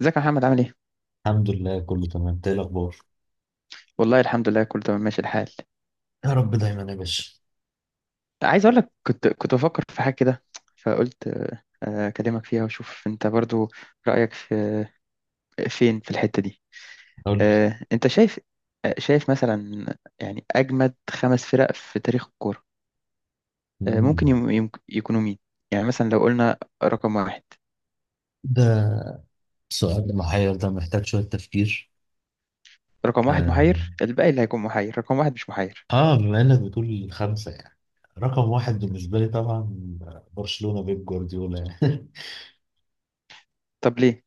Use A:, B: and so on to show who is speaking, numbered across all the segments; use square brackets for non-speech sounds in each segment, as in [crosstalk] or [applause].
A: ازيك يا محمد، عامل ايه؟
B: الحمد لله كله تمام. إنت ايه الاخبار؟
A: والله الحمد لله، كله تمام، ماشي الحال.
B: يا رب دايما يا باشا.
A: عايز اقول لك، كنت بفكر في حاجه كده، فقلت اكلمك فيها، واشوف انت برضو رايك في فين في الحته دي.
B: قول لي.
A: انت شايف؟ شايف مثلا، يعني اجمد خمس فرق في تاريخ الكوره، ممكن
B: مم.
A: يكونوا مين؟ يعني مثلا لو قلنا رقم واحد.
B: ده السؤال المحير ده محتاج شويه تفكير.
A: رقم واحد
B: اه.
A: محير، الباقي اللي هيكون محير رقم واحد مش محير.
B: بما انك بتقول خمسه يعني رقم واحد بالنسبه لي طبعا برشلونه بيب جوارديولا يعني. [laughs]
A: طب ليه؟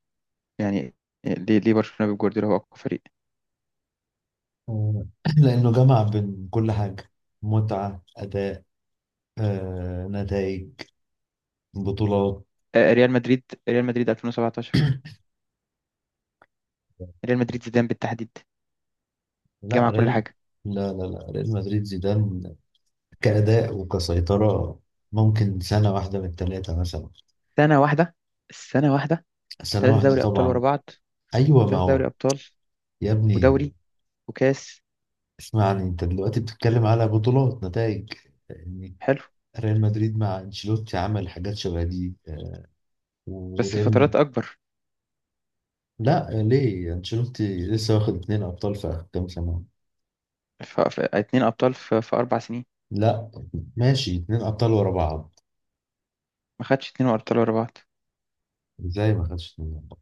A: يعني ليه برشلونه بيب جوارديولا هو اقوى فريق.
B: آه، لانه جمع بين كل حاجه، متعه اداء، نتائج، بطولات.
A: ريال مدريد. ريال مدريد 2017. ريال مدريد زيدان بالتحديد.
B: لا،
A: جمع كل
B: ريال.
A: حاجه.
B: لا، لا، لا، ريال مدريد زيدان كأداء وكسيطرة. ممكن سنة واحدة من التلاتة مثلا.
A: سنه واحده. السنه واحده.
B: سنة
A: ثلاثه
B: واحدة
A: دوري ابطال ورا
B: طبعا.
A: بعض.
B: أيوة ما
A: ثلاثه دوري
B: هو.
A: ابطال.
B: يا ابني،
A: ودوري. وكاس.
B: اسمعني. أنت دلوقتي بتتكلم على بطولات، نتائج يعني.
A: حلو.
B: ريال مدريد مع أنشيلوتي عمل حاجات شبه دي،
A: بس
B: وريال.
A: فترات اكبر.
B: لا، ليه أنشيلوتي لسه واخد 2 أبطال في آخر كام سنة؟
A: اتنين ابطال في 4 سنين.
B: لا، ماشي، 2 أبطال ورا بعض.
A: ما خدش اتنين ابطال ورا بعض.
B: إزاي ما خدش 2 أبطال؟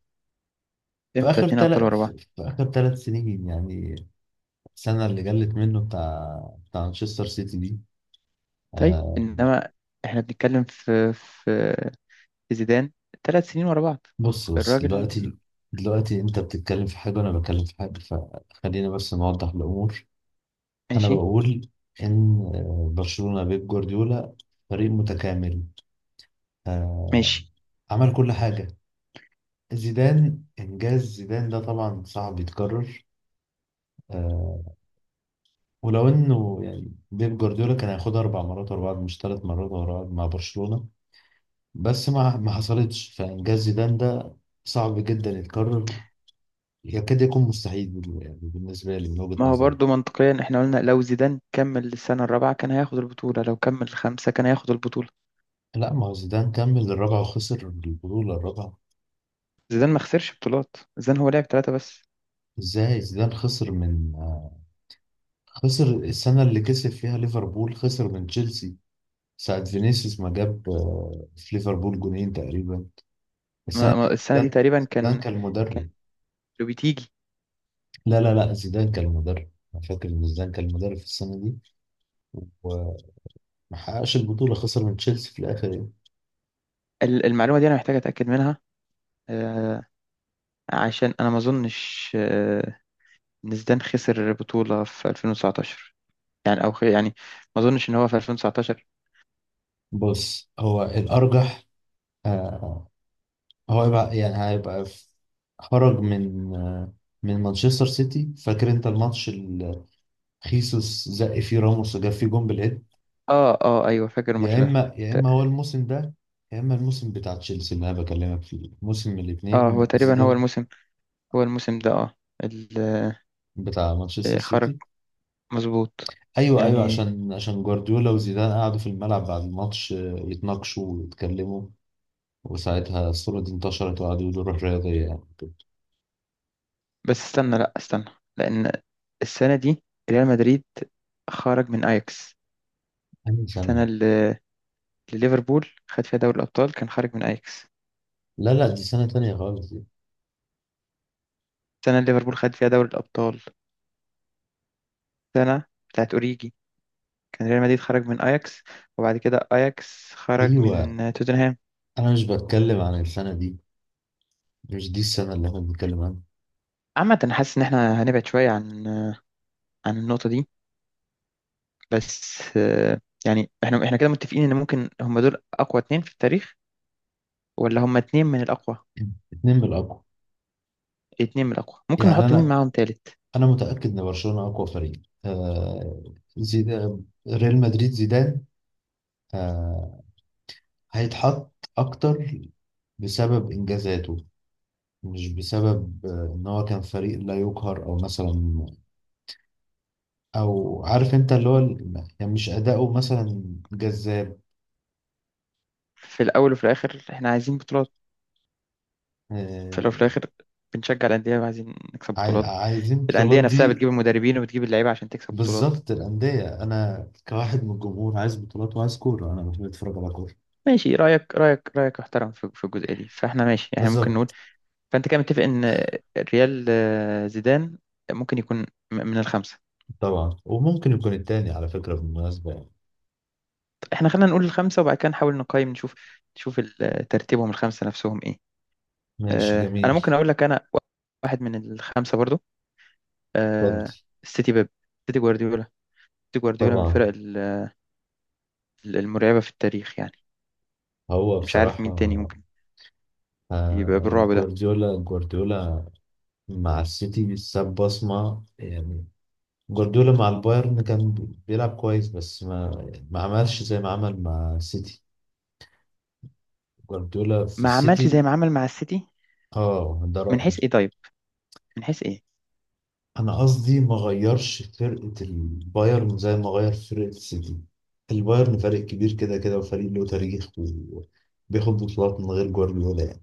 A: امتى اتنين ابطال ورا بعض؟
B: في آخر 3 سنين يعني، السنة اللي جلت منه بتاع، مانشستر سيتي دي.
A: طيب
B: آه،
A: انما احنا بنتكلم في زيدان، 3 سنين ورا بعض.
B: بص بص
A: الراجل.
B: دلوقتي، دلوقتي انت بتتكلم في حاجة وانا بتكلم في حاجة، فخلينا بس نوضح الامور. انا
A: ماشي.
B: بقول ان برشلونة بيب جوارديولا فريق متكامل، آه،
A: ماشي.
B: عمل كل حاجة. زيدان، انجاز زيدان ده طبعا صعب يتكرر. آه، ولو انه يعني بيب جوارديولا كان هياخدها 4 مرات ورا بعض مش 3 مرات ورا بعض مع برشلونة، بس ما حصلتش، فانجاز زيدان ده صعب جدا يتكرر، يكاد يكون مستحيل يعني بالنسبة لي من وجهة
A: ما هو
B: نظري.
A: برضه منطقيا احنا قلنا، لو زيدان كمل السنة الرابعة كان هياخد البطولة، لو كمل الخامسة كان هياخد البطولة.
B: لا، ما هو زيدان كمل الرابعة وخسر البطولة الرابعة.
A: زيدان ما خسرش بطولات، زيدان هو لعب ثلاثة بس.
B: ازاي زيدان خسر من خسر السنة اللي كسب فيها ليفربول، خسر من تشيلسي ساعة فينيسيوس ما جاب في ليفربول جونين تقريبا.
A: ما
B: السنة
A: ما
B: دي
A: السنة دي
B: زيدان
A: تقريبا
B: زيدان
A: كان
B: كان
A: كان
B: المدرب.
A: لو بتيجي
B: لا، لا، لا، زيدان كان المدرب. انا فاكر ان زيدان كان المدرب في السنة دي، وما حققش البطولة، خسر من تشيلسي في الآخر يعني.
A: المعلومة دي أنا محتاج أتأكد منها، آه، عشان أنا ما أظنش إن زيدان خسر بطولة في 2019، يعني أو يعني ما أظنش إن هو في 2019.
B: بص، هو الأرجح. آه، هو يبقى يعني خرج من مانشستر سيتي. فاكر انت الماتش اللي خيسوس زق فيه راموس وجاب فيه جون بالهيد؟
A: آه آه، أيوه، فاكر
B: يا
A: الماتش ده.
B: اما يا
A: ت-
B: اما هو الموسم ده، يا اما الموسم بتاع تشيلسي اللي انا بكلمك فيه، موسم من
A: هو
B: الاثنين
A: تقريبا هو
B: زيدان
A: الموسم، هو الموسم ده. ال-
B: بتاع مانشستر
A: خرج.
B: سيتي.
A: مظبوط.
B: ايوه، ايوه،
A: يعني
B: عشان جوارديولا وزيدان قعدوا في الملعب بعد الماتش يتناقشوا ويتكلموا، وساعتها الصورة دي انتشرت وقعدوا يقولوا روح رياضية يعني كده.
A: بس استنى، لأ استنى، لأن السنة دي ريال مدريد خرج من أياكس.
B: أنهي
A: السنة
B: سنة؟
A: لليفربول خد فيها دوري الأبطال كان خارج من أياكس.
B: لا، لا، دي سنة تانية خالص دي.
A: سنة اللي ليفربول خد فيها دوري الأبطال، سنة بتاعت أوريجي، كان ريال مدريد خرج من أياكس، وبعد كده أياكس خرج من
B: أيوة،
A: توتنهام.
B: انا مش بتكلم عن السنه دي، مش دي السنه اللي احنا بنتكلم عنها.
A: عامة، أنا حاسس إن إحنا هنبعد شوية عن النقطة دي. بس يعني إحنا كده متفقين إن ممكن هما دول أقوى اتنين في التاريخ، ولا هما اتنين من الأقوى.
B: اتنين من الاقوى.
A: اتنين من الأقوى، ممكن
B: يعني
A: نحط مين
B: انا،
A: معاهم تالت.
B: متاكد ان برشلونه اقوى فريق. زيدان، ريال مدريد زيدان آه هيتحط اكتر بسبب انجازاته، مش بسبب ان هو كان فريق لا يقهر او مثلا، او عارف انت اللي هو يعني مش اداؤه مثلا جذاب.
A: في الأول وفي الآخر إحنا عايزين بطولات. في الأول وفي
B: آه،
A: الآخر بنشجع الأندية، وعايزين نكسب بطولات.
B: عايزين
A: الأندية
B: البطولات
A: نفسها بتجيب
B: دي.
A: المدربين وبتجيب اللعيبة عشان تكسب بطولات.
B: بالظبط، الأندية. أنا كواحد من الجمهور عايز بطولات وعايز كورة، أنا بحب أتفرج على كورة.
A: ماشي، رأيك محترم في الجزئية دي، فاحنا ماشي، احنا ممكن نقول.
B: بالظبط.
A: فأنت كده متفق إن ريال زيدان ممكن يكون من الخمسة.
B: طبعا، وممكن يكون التاني على فكرة بالمناسبة يعني.
A: طب احنا خلينا نقول الخمسة، وبعد كده نحاول نقيم، نشوف ترتيبهم الخمسة نفسهم ايه.
B: ماشي،
A: أنا ممكن
B: جميل.
A: أقول لك، أنا واحد من الخمسة برضو.
B: اتفضل.
A: آه، السيتي بيب، سيتي جوارديولا. سيتي جوارديولا من
B: طبعا.
A: الفرق المرعبة في التاريخ يعني.
B: هو
A: مش عارف مين
B: بصراحة،
A: تاني ممكن يبقى بالرعب ده.
B: جوارديولا مع السيتي ساب بصمة يعني. جوارديولا مع البايرن كان بيلعب كويس، بس ما يعني ما عملش زي ما عمل مع السيتي. جوارديولا في
A: ما عملش
B: السيتي.
A: زي ما عمل مع السيتي.
B: اه، ده
A: من
B: رأيي.
A: حيث ايه طيب؟ من حيث ايه؟
B: انا قصدي ما غيرش فرقه البايرن زي ما غير فرقه السيتي. البايرن فريق كبير كده كده، وفريق له تاريخ، وبياخد بطولات من غير جوارديولا يعني.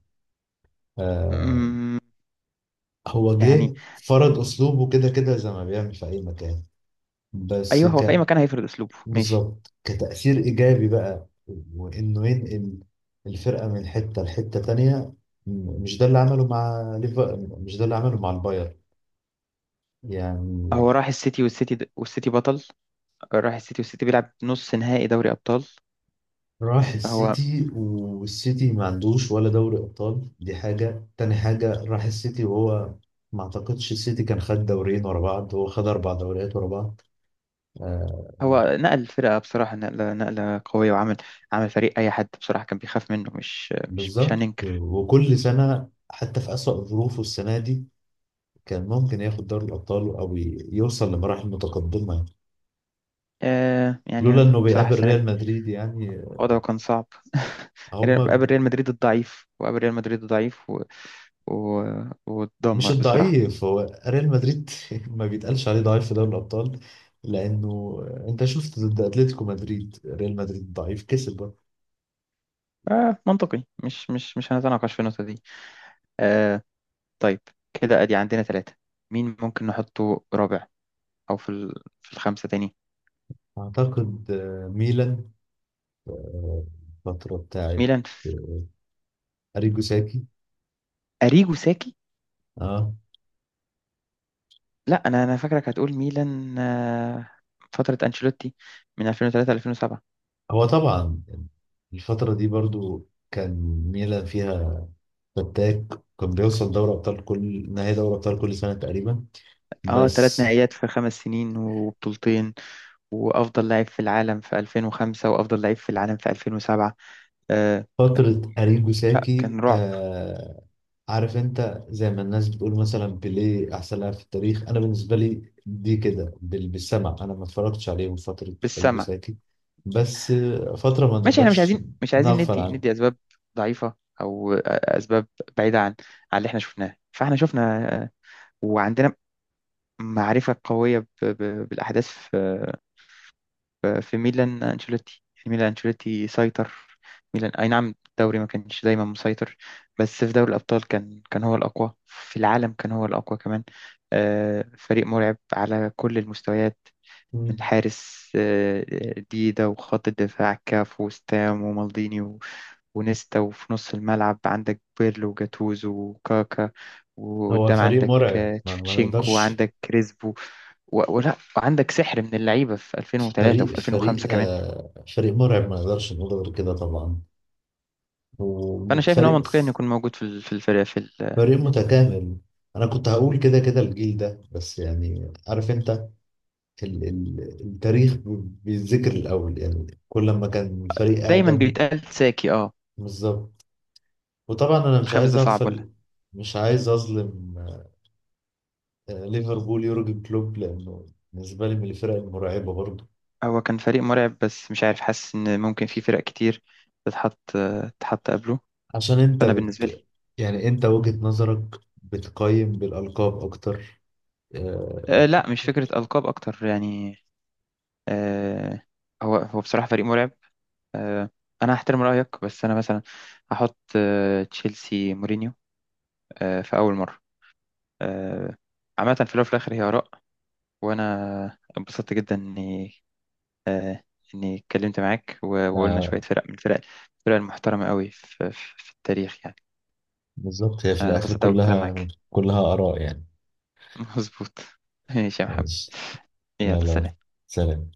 B: آه
A: مم،
B: هو
A: يعني،
B: جه فرض اسلوبه كده كده زي ما بيعمل في اي مكان. بس
A: ايوه، هو في اي
B: ك
A: مكان هيفرض اسلوبه، ماشي.
B: بالظبط، كتأثير ايجابي بقى، وانه ينقل الفرقه من حته لحته تانية. مش ده اللي عمله مع ليفا، مش ده اللي عمله مع البايرن يعني.
A: هو راح السيتي، والسيتي بطل. راح السيتي والسيتي بيلعب نص نهائي دوري ابطال.
B: راح
A: فهو
B: السيتي والسيتي ما عندوش ولا دوري ابطال، دي حاجه تاني حاجه، راح السيتي وهو ما اعتقدش السيتي كان خد دوريين ورا بعض، هو خد 4 دوريات ورا بعض. آه
A: هو نقل الفرقه بصراحه نقله قويه، وعمل فريق اي حد بصراحه كان بيخاف منه، مش
B: بالظبط،
A: هننكر.
B: وكل سنه حتى في اسوأ ظروفه السنه دي كان ممكن ياخد دوري الابطال او يوصل لمراحل متقدمه لولا
A: يعني
B: انه
A: بصراحه
B: بيقابل
A: السنه
B: ريال
A: دي
B: مدريد يعني.
A: وضعه كان صعب [laughs]
B: هما
A: قابل ريال مدريد الضعيف، وقابل ريال مدريد الضعيف، و...
B: مش
A: واتدمر بصراحه.
B: الضعيف، هو ريال مدريد. [laughs] ما بيتقالش عليه ضعيف في دوري الأبطال، لأنه أنت شفت ضد أتلتيكو مدريد ريال مدريد ضعيف كسب برضه.
A: منطقي، مش هنتناقش في النقطه دي. آه طيب، كده ادي عندنا ثلاثة. مين ممكن نحطه رابع، او في في الخمسة تاني.
B: أعتقد ميلان، آه، الفترة بتاعت
A: ميلان
B: أريجو ساكي.
A: اريجو ساكي.
B: اه.
A: لا، انا فاكرك هتقول ميلان، فترة انشيلوتي من 2003 ل 2007.
B: هو طبعا الفترة دي برضو كان ميلان فيها فتاك، كان بيوصل دوري أبطال، كل نهائي دوري أبطال كل سنة تقريبا،
A: اه، ثلاث
B: بس
A: نهائيات في 5 سنين وبطولتين، وافضل لاعب في العالم في 2005، وافضل لاعب في العالم في 2007. آه
B: فترة أريجو
A: لا،
B: ساكي.
A: كان رعب.
B: عارف انت زي ما الناس بتقول مثلا بيليه احسن لاعب في التاريخ، انا بالنسبه لي دي كده بالسمع. انا ما اتفرجتش عليهم فتره
A: بالسمع.
B: البوساكي، بس فتره ما
A: ماشي، احنا مش
B: نقدرش
A: عايزين مش عايزين
B: نغفل
A: ندي
B: عنها.
A: ندي اسباب ضعيفة، او اسباب بعيدة عن اللي احنا شفناه. فاحنا شفنا، وعندنا معرفة قوية بالأحداث في ميلان أنشيلوتي. يعني ميلان أنشيلوتي سيطر. ميلان، أي نعم، الدوري ما كانش دايما مسيطر، بس في دوري الأبطال كان هو الأقوى في العالم، كان هو الأقوى كمان. فريق مرعب على كل المستويات، من
B: مم.
A: الحارس ديدا، وخط الدفاع كاف وستام ومالديني ونيستا، وفي نص الملعب عندك بيرلو وجاتوزو وكاكا،
B: هو
A: وقدام
B: فريق
A: عندك
B: مرعب، ما, ما
A: تشفتشينكو،
B: نقدرش.
A: وعندك كريسبو، ولا وعندك سحر من اللعيبه في 2003
B: فريق
A: وفي
B: فريق
A: 2005 كمان.
B: آه فريق مرعب ما نقدرش نقول غير كده طبعا،
A: فانا شايف ان هو
B: وفريق
A: منطقي انه يكون موجود في الفريق.
B: فريق متكامل. انا كنت هقول كده كده الجيل ده، بس يعني عارف انت، التاريخ بيتذكر الأول يعني، كل ما كان الفريق
A: دايما
B: أقدم.
A: بيتقال ساكي، اه.
B: بالظبط. وطبعا أنا مش
A: الخامس
B: عايز
A: ده صعب ولا؟
B: أغفل، مش عايز أظلم ليفربول يورجن كلوب، لأنه بالنسبة لي من الفرق المرعبة برضه.
A: هو كان فريق مرعب، بس مش عارف، حاسس ان ممكن في فرق كتير تتحط، تتحط قبله.
B: عشان أنت
A: فانا بالنسبه لي،
B: بت يعني أنت وجهة نظرك بتقيم بالألقاب أكتر. آه،
A: لا، مش فكره القاب اكتر يعني. آه هو بصراحه فريق مرعب. آه انا هحترم رايك، بس انا مثلا هحط تشيلسي مورينيو، في اول مره. آه عامه، في الاول وفي الاخر هي اراء، وانا اتبسطت جدا اني آه، اتكلمت معاك، وقلنا
B: آه،
A: شويه فرق من الفرق المحترمه قوي في, في التاريخ يعني.
B: بالظبط، هي في
A: انا
B: الآخر
A: اتبسطت قوي بالكلام
B: كلها
A: معاك.
B: كلها آراء يعني.
A: [laughs] مظبوط. ماشي يا محمد.
B: ماشي،
A: يلا،
B: يلا
A: سلام.
B: سلام.